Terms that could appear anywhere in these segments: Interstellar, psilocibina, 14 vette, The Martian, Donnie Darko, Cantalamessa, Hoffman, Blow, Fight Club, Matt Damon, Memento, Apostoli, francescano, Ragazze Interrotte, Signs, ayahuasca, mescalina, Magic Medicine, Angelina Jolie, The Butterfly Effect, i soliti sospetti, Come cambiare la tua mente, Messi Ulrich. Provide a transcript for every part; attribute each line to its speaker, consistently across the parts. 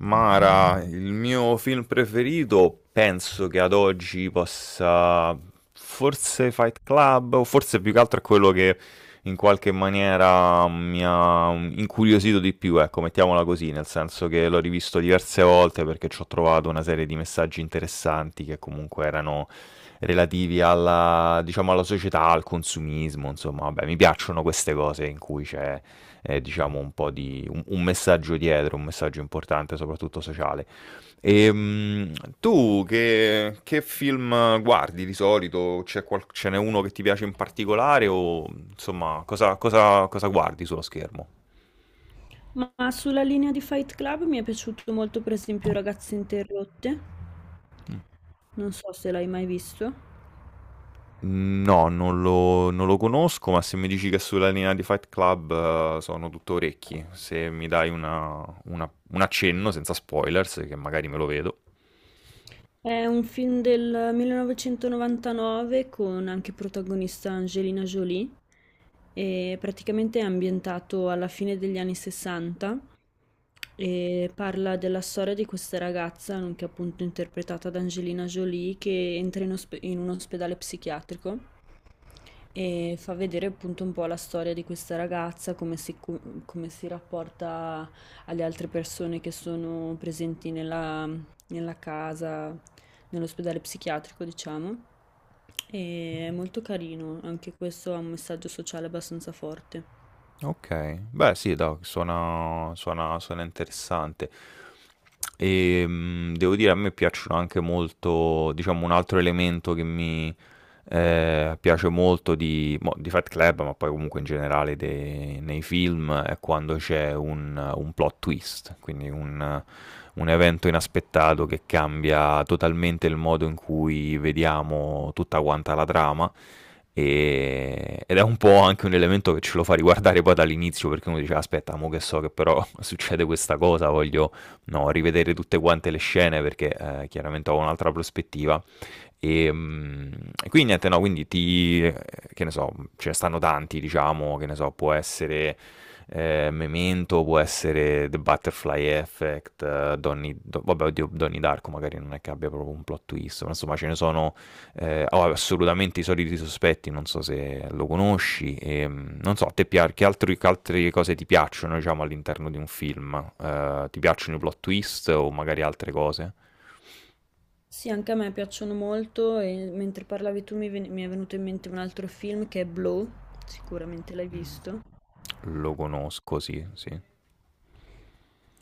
Speaker 1: Mara, il mio film preferito penso che ad oggi possa forse Fight Club, o forse più che altro è quello che in qualche maniera mi ha incuriosito di più, ecco, mettiamola così, nel senso che l'ho rivisto diverse volte perché ci ho trovato una serie di messaggi interessanti che comunque erano relativi diciamo, alla società, al consumismo, insomma, vabbè, mi piacciono queste cose in cui c'è diciamo, un po' di un messaggio dietro, un messaggio importante, soprattutto sociale. E, tu che film guardi di solito? C'è ce n'è uno che ti piace in particolare, o insomma, cosa guardi sullo schermo?
Speaker 2: Ma sulla linea di Fight Club mi è piaciuto molto, per esempio, Ragazze Interrotte,
Speaker 1: Mm.
Speaker 2: non so se l'hai mai visto.
Speaker 1: No, non lo conosco, ma se mi dici che è sulla linea di Fight Club, sono tutto orecchi. Se mi dai un accenno, senza spoilers, che magari me lo vedo.
Speaker 2: È un film del 1999 con anche protagonista Angelina Jolie e praticamente è ambientato alla fine degli anni 60 e parla della storia di questa ragazza, che è appunto interpretata da Angelina Jolie, che entra in un ospedale psichiatrico e fa vedere appunto un po' la storia di questa ragazza, come si rapporta alle altre persone che sono presenti nella casa, nell'ospedale psichiatrico, diciamo. E è molto carino, anche questo ha un messaggio sociale abbastanza forte.
Speaker 1: Okay. Beh sì, do suona suona suona interessante. E, devo dire, a me piacciono anche molto, diciamo, un altro elemento che mi piace molto di Fight Club, ma poi comunque in generale nei film, è quando c'è un plot twist, quindi un evento inaspettato che cambia totalmente il modo in cui vediamo tutta quanta la trama. Ed è un po' anche un elemento che ce lo fa riguardare poi dall'inizio, perché uno dice: aspetta, mo che so che però succede questa cosa, voglio, no, rivedere tutte quante le scene perché chiaramente ho un'altra prospettiva e, mm, e quindi niente, no, quindi che ne so, ce ne stanno tanti, diciamo, che ne so, può essere Memento, può essere The Butterfly Effect, vabbè, oddio, Donnie Darko magari non è che abbia proprio un plot twist, ma insomma ce ne sono oh, assolutamente, I Soliti Sospetti, non so se lo conosci, non so, a te che altre cose ti piacciono, diciamo, all'interno di un film? Ti piacciono i plot twist o magari altre cose?
Speaker 2: Sì, anche a me piacciono molto e mentre parlavi tu mi è venuto in mente un altro film che è Blow, sicuramente l'hai
Speaker 1: Mm,
Speaker 2: visto.
Speaker 1: lo conosco, sì, sì.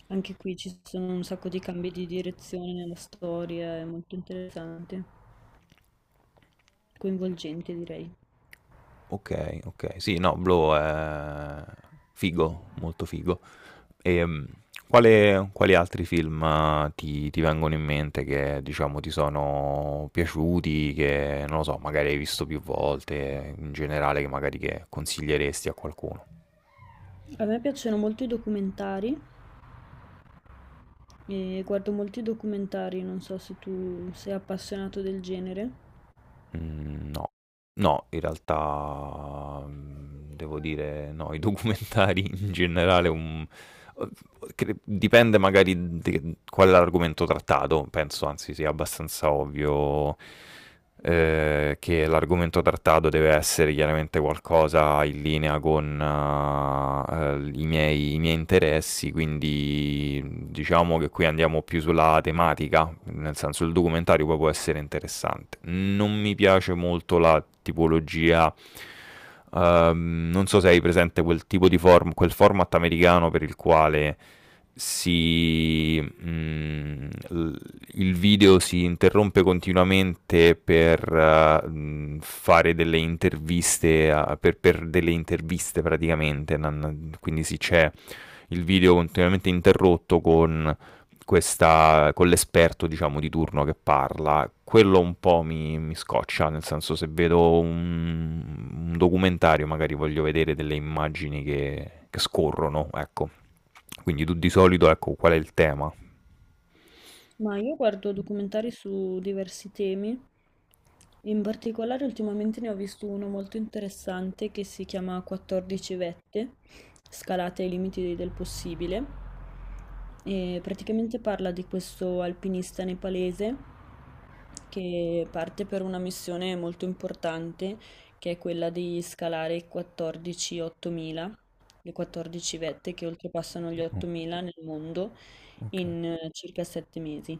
Speaker 2: Anche qui ci sono un sacco di cambi di direzione nella storia, è molto interessante, coinvolgente direi.
Speaker 1: Ok, ok. Sì, no, Blow è figo, molto figo. E, quali altri film, ti vengono in mente che, diciamo, ti sono piaciuti, che, non lo so, magari hai visto più volte, in generale, che magari che consiglieresti a qualcuno?
Speaker 2: A me piacciono molto i documentari e guardo molti documentari, non so se tu sei appassionato del genere.
Speaker 1: Mhmm, no. No, in realtà, devo dire no, i documentari in generale, un uhm, cre dipende magari de qual è l'argomento trattato, penso anzi sia abbastanza ovvio, che l'argomento trattato deve essere chiaramente qualcosa in linea con i miei interessi, quindi diciamo che qui andiamo più sulla tematica, nel senso il documentario poi può essere interessante. Non mi piace molto la tipologia. Non so se hai presente quel tipo di format americano per il quale si, mm, l- il video si interrompe continuamente per fare delle interviste, per delle interviste praticamente, quindi sì, c'è il video continuamente interrotto con questa, con l'esperto, diciamo, di turno che parla, quello un po' mi scoccia, nel senso se vedo un documentario magari voglio vedere delle immagini che scorrono, ecco. Quindi tu di solito, ecco, qual è il tema?
Speaker 2: Ma io guardo documentari su diversi temi, in particolare ultimamente ne ho visto uno molto interessante che si chiama 14 vette, scalate ai limiti del possibile, e praticamente parla di questo alpinista nepalese che parte per una missione molto importante che è quella di scalare i 14 8000, le 14 vette che oltrepassano gli
Speaker 1: Oh,
Speaker 2: 8000 nel mondo
Speaker 1: ok.
Speaker 2: in circa 7 mesi.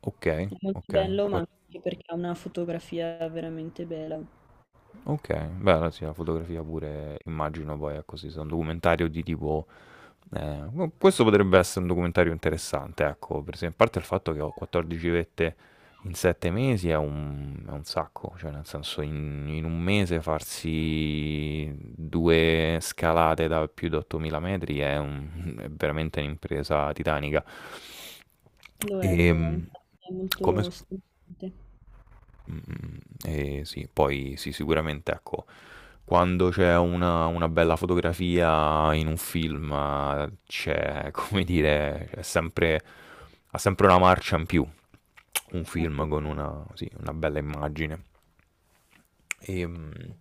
Speaker 1: Ok,
Speaker 2: È molto
Speaker 1: ok,
Speaker 2: bello, ma anche perché ha una fotografia veramente bella.
Speaker 1: ok, beh, allora sì, la fotografia pure immagino, poi, ecco, sì, se è un documentario di tipo. No, questo potrebbe essere un documentario interessante, ecco, per esempio, a parte il fatto che ho 14 vette in 7 mesi è un sacco, cioè nel senso in un mese farsi due scalate da più di 8000 metri è, è veramente un'impresa titanica. E,
Speaker 2: Lo è,
Speaker 1: mm,
Speaker 2: infatti è
Speaker 1: come...
Speaker 2: molto
Speaker 1: s-
Speaker 2: stimolante.
Speaker 1: mm, e sì, poi sì, sicuramente ecco, quando c'è una bella fotografia in un film, c'è, come dire, c'è sempre, ha sempre una marcia in più un film con
Speaker 2: Assolutamente.
Speaker 1: una, sì, una bella immagine. E,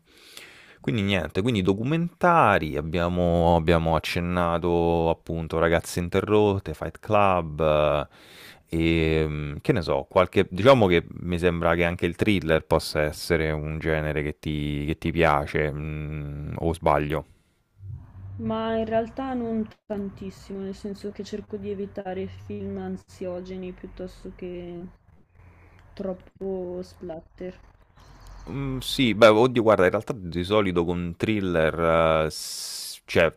Speaker 1: quindi niente, quindi documentari, abbiamo accennato appunto Ragazze Interrotte, Fight Club, e che ne so, qualche, diciamo che mi sembra che anche il thriller possa essere un genere che ti piace, o sbaglio.
Speaker 2: Ma in realtà non tantissimo, nel senso che cerco di evitare film ansiogeni piuttosto che troppo splatter.
Speaker 1: Mm, sì, beh, oddio, guarda, in realtà di solito con thriller, cioè,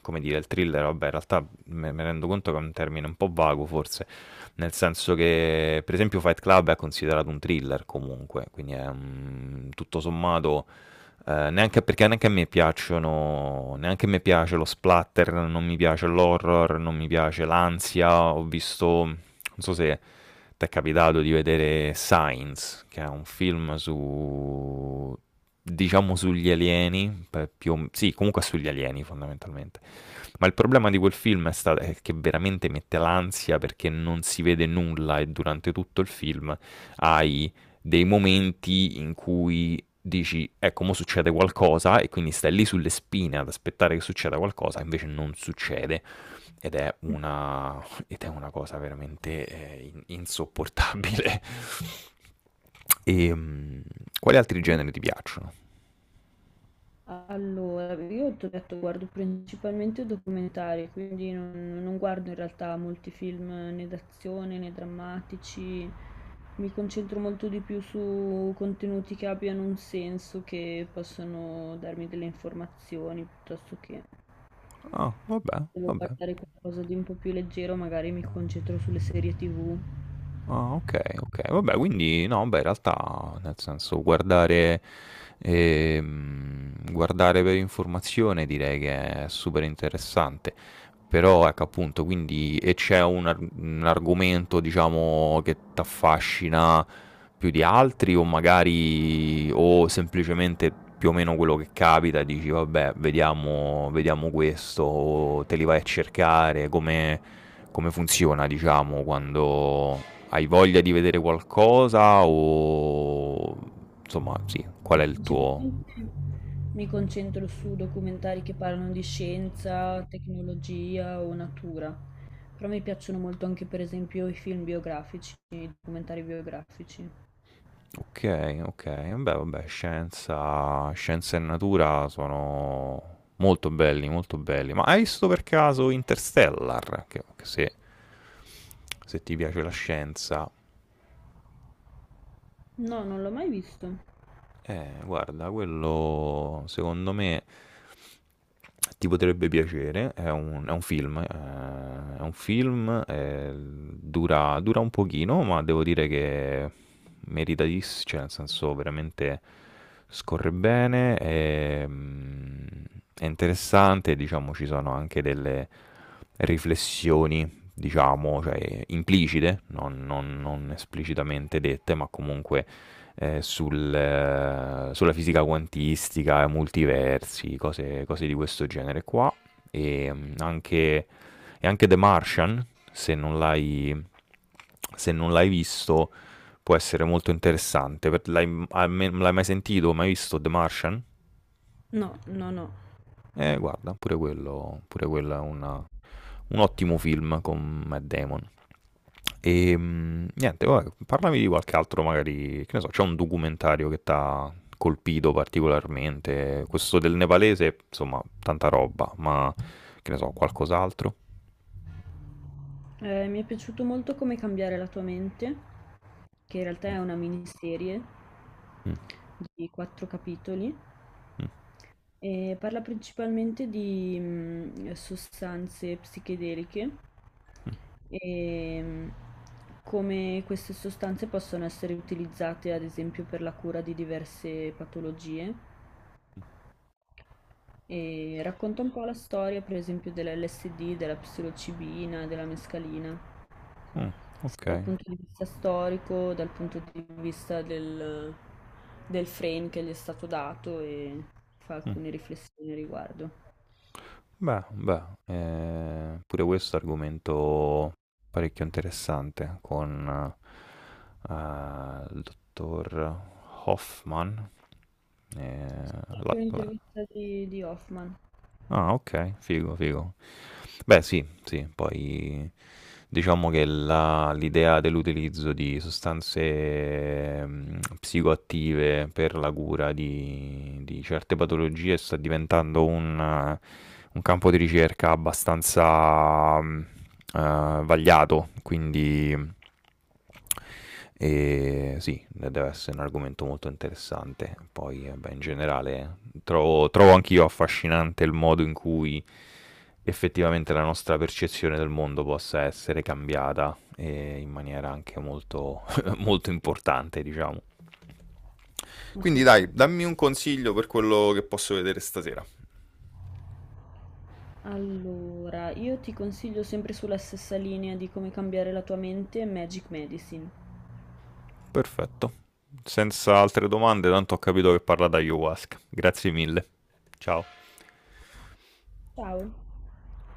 Speaker 1: come dire, il thriller, vabbè, in realtà me rendo conto che è un termine un po' vago forse, nel senso che, per esempio, Fight Club è considerato un thriller comunque, quindi è, tutto sommato, neanche, perché neanche a me piacciono, neanche a me piace lo splatter, non mi piace l'horror, non mi piace l'ansia. Ho visto, non so se ti è capitato di vedere Signs, che è un film su, diciamo, sugli alieni, per più, sì, comunque sugli alieni fondamentalmente. Ma il problema di quel film è che veramente mette l'ansia, perché non si vede nulla e durante tutto il film hai dei momenti in cui dici, ecco, mo succede qualcosa e quindi stai lì sulle spine ad aspettare che succeda qualcosa, invece non succede ed è una, ed è una cosa veramente insopportabile. E, quali altri generi ti piacciono?
Speaker 2: Allora, io ti ho detto, guardo principalmente documentari, quindi non guardo in realtà molti film né d'azione né drammatici, mi concentro molto di più su contenuti che abbiano un senso, che possono darmi delle informazioni, piuttosto che
Speaker 1: Ah, oh, vabbè,
Speaker 2: se devo
Speaker 1: vabbè.
Speaker 2: guardare qualcosa di un po' più leggero, magari mi concentro sulle serie TV.
Speaker 1: Ah, okay, okay. Vabbè, quindi no, beh, in realtà, nel senso, guardare per informazione direi che è super interessante. Però, ecco, appunto, quindi e c'è un argomento, diciamo, che t'affascina più di altri, o magari o semplicemente più o meno quello che capita e dici: "Vabbè, vediamo questo", o te li vai a cercare, come funziona, diciamo, quando hai voglia di vedere qualcosa o. Insomma, sì, qual è il tuo.
Speaker 2: Principalmente mi concentro su documentari che parlano di scienza, tecnologia o natura. Però mi piacciono molto anche per esempio i film biografici, i documentari biografici.
Speaker 1: Ok, ok, vabbè, vabbè, scienza, scienza e natura sono molto belli, molto belli. Ma hai visto per caso Interstellar? Che, se ti piace la scienza,
Speaker 2: No, non l'ho mai visto.
Speaker 1: guarda, quello secondo me ti potrebbe piacere. È un film, dura un pochino, ma devo dire che meritatissimo, cioè nel senso veramente scorre bene, è interessante, diciamo ci sono anche delle riflessioni, diciamo, cioè implicite, non esplicitamente dette, ma comunque sulla fisica quantistica, multiversi, cose di questo genere qua. E mm, anche, e anche The Martian, se non l'hai se non l'hai visto può essere molto interessante. L'hai mai sentito, mai visto The Martian?
Speaker 2: No, no, no.
Speaker 1: Guarda, pure quello, è un ottimo film con Matt Damon. E, niente, vabbè, parlami di qualche altro, magari, che ne so, c'è un documentario che ti ha colpito particolarmente. Questo del nepalese, insomma, tanta roba, ma che ne so, qualcos'altro?
Speaker 2: Mi è piaciuto molto Come cambiare la tua mente, che in realtà
Speaker 1: Mm,
Speaker 2: è una miniserie
Speaker 1: mm,
Speaker 2: di quattro capitoli
Speaker 1: mm,
Speaker 2: e parla principalmente di sostanze psichedeliche e mm, come queste sostanze possono essere utilizzate ad esempio per la cura di diverse patologie. E racconta un po' la storia, per esempio, dell'LSD, della psilocibina, della mescalina,
Speaker 1: mm, mm, ok.
Speaker 2: sia dal punto di vista storico, dal punto di vista del frame che gli è stato dato e fa
Speaker 1: Mm.
Speaker 2: alcune riflessioni a riguardo.
Speaker 1: Beh, beh, pure questo è un argomento parecchio interessante con, il dottor Hoffman. ehm,
Speaker 2: Sì, c'è anche
Speaker 1: la- la-
Speaker 2: un'intervista di Hoffman,
Speaker 1: Ah, ok, figo, figo. Beh, sì, sì, poi diciamo che l'idea dell'utilizzo di sostanze psicoattive per la cura di certe patologie sta diventando un campo di ricerca abbastanza vagliato, quindi e sì, deve essere un argomento molto interessante. Poi, vabbè, in generale, trovo anch'io affascinante il modo in cui effettivamente la nostra percezione del mondo possa essere cambiata in maniera anche molto, molto importante, diciamo. Quindi dai,
Speaker 2: assolutamente.
Speaker 1: dammi un consiglio per quello che posso vedere stasera.
Speaker 2: Allora, io ti consiglio sempre sulla stessa linea di come cambiare la tua mente, Magic Medicine.
Speaker 1: Perfetto. Senza altre domande, tanto ho capito che parla da ayahuasca. Grazie mille. Ciao.
Speaker 2: Ciao!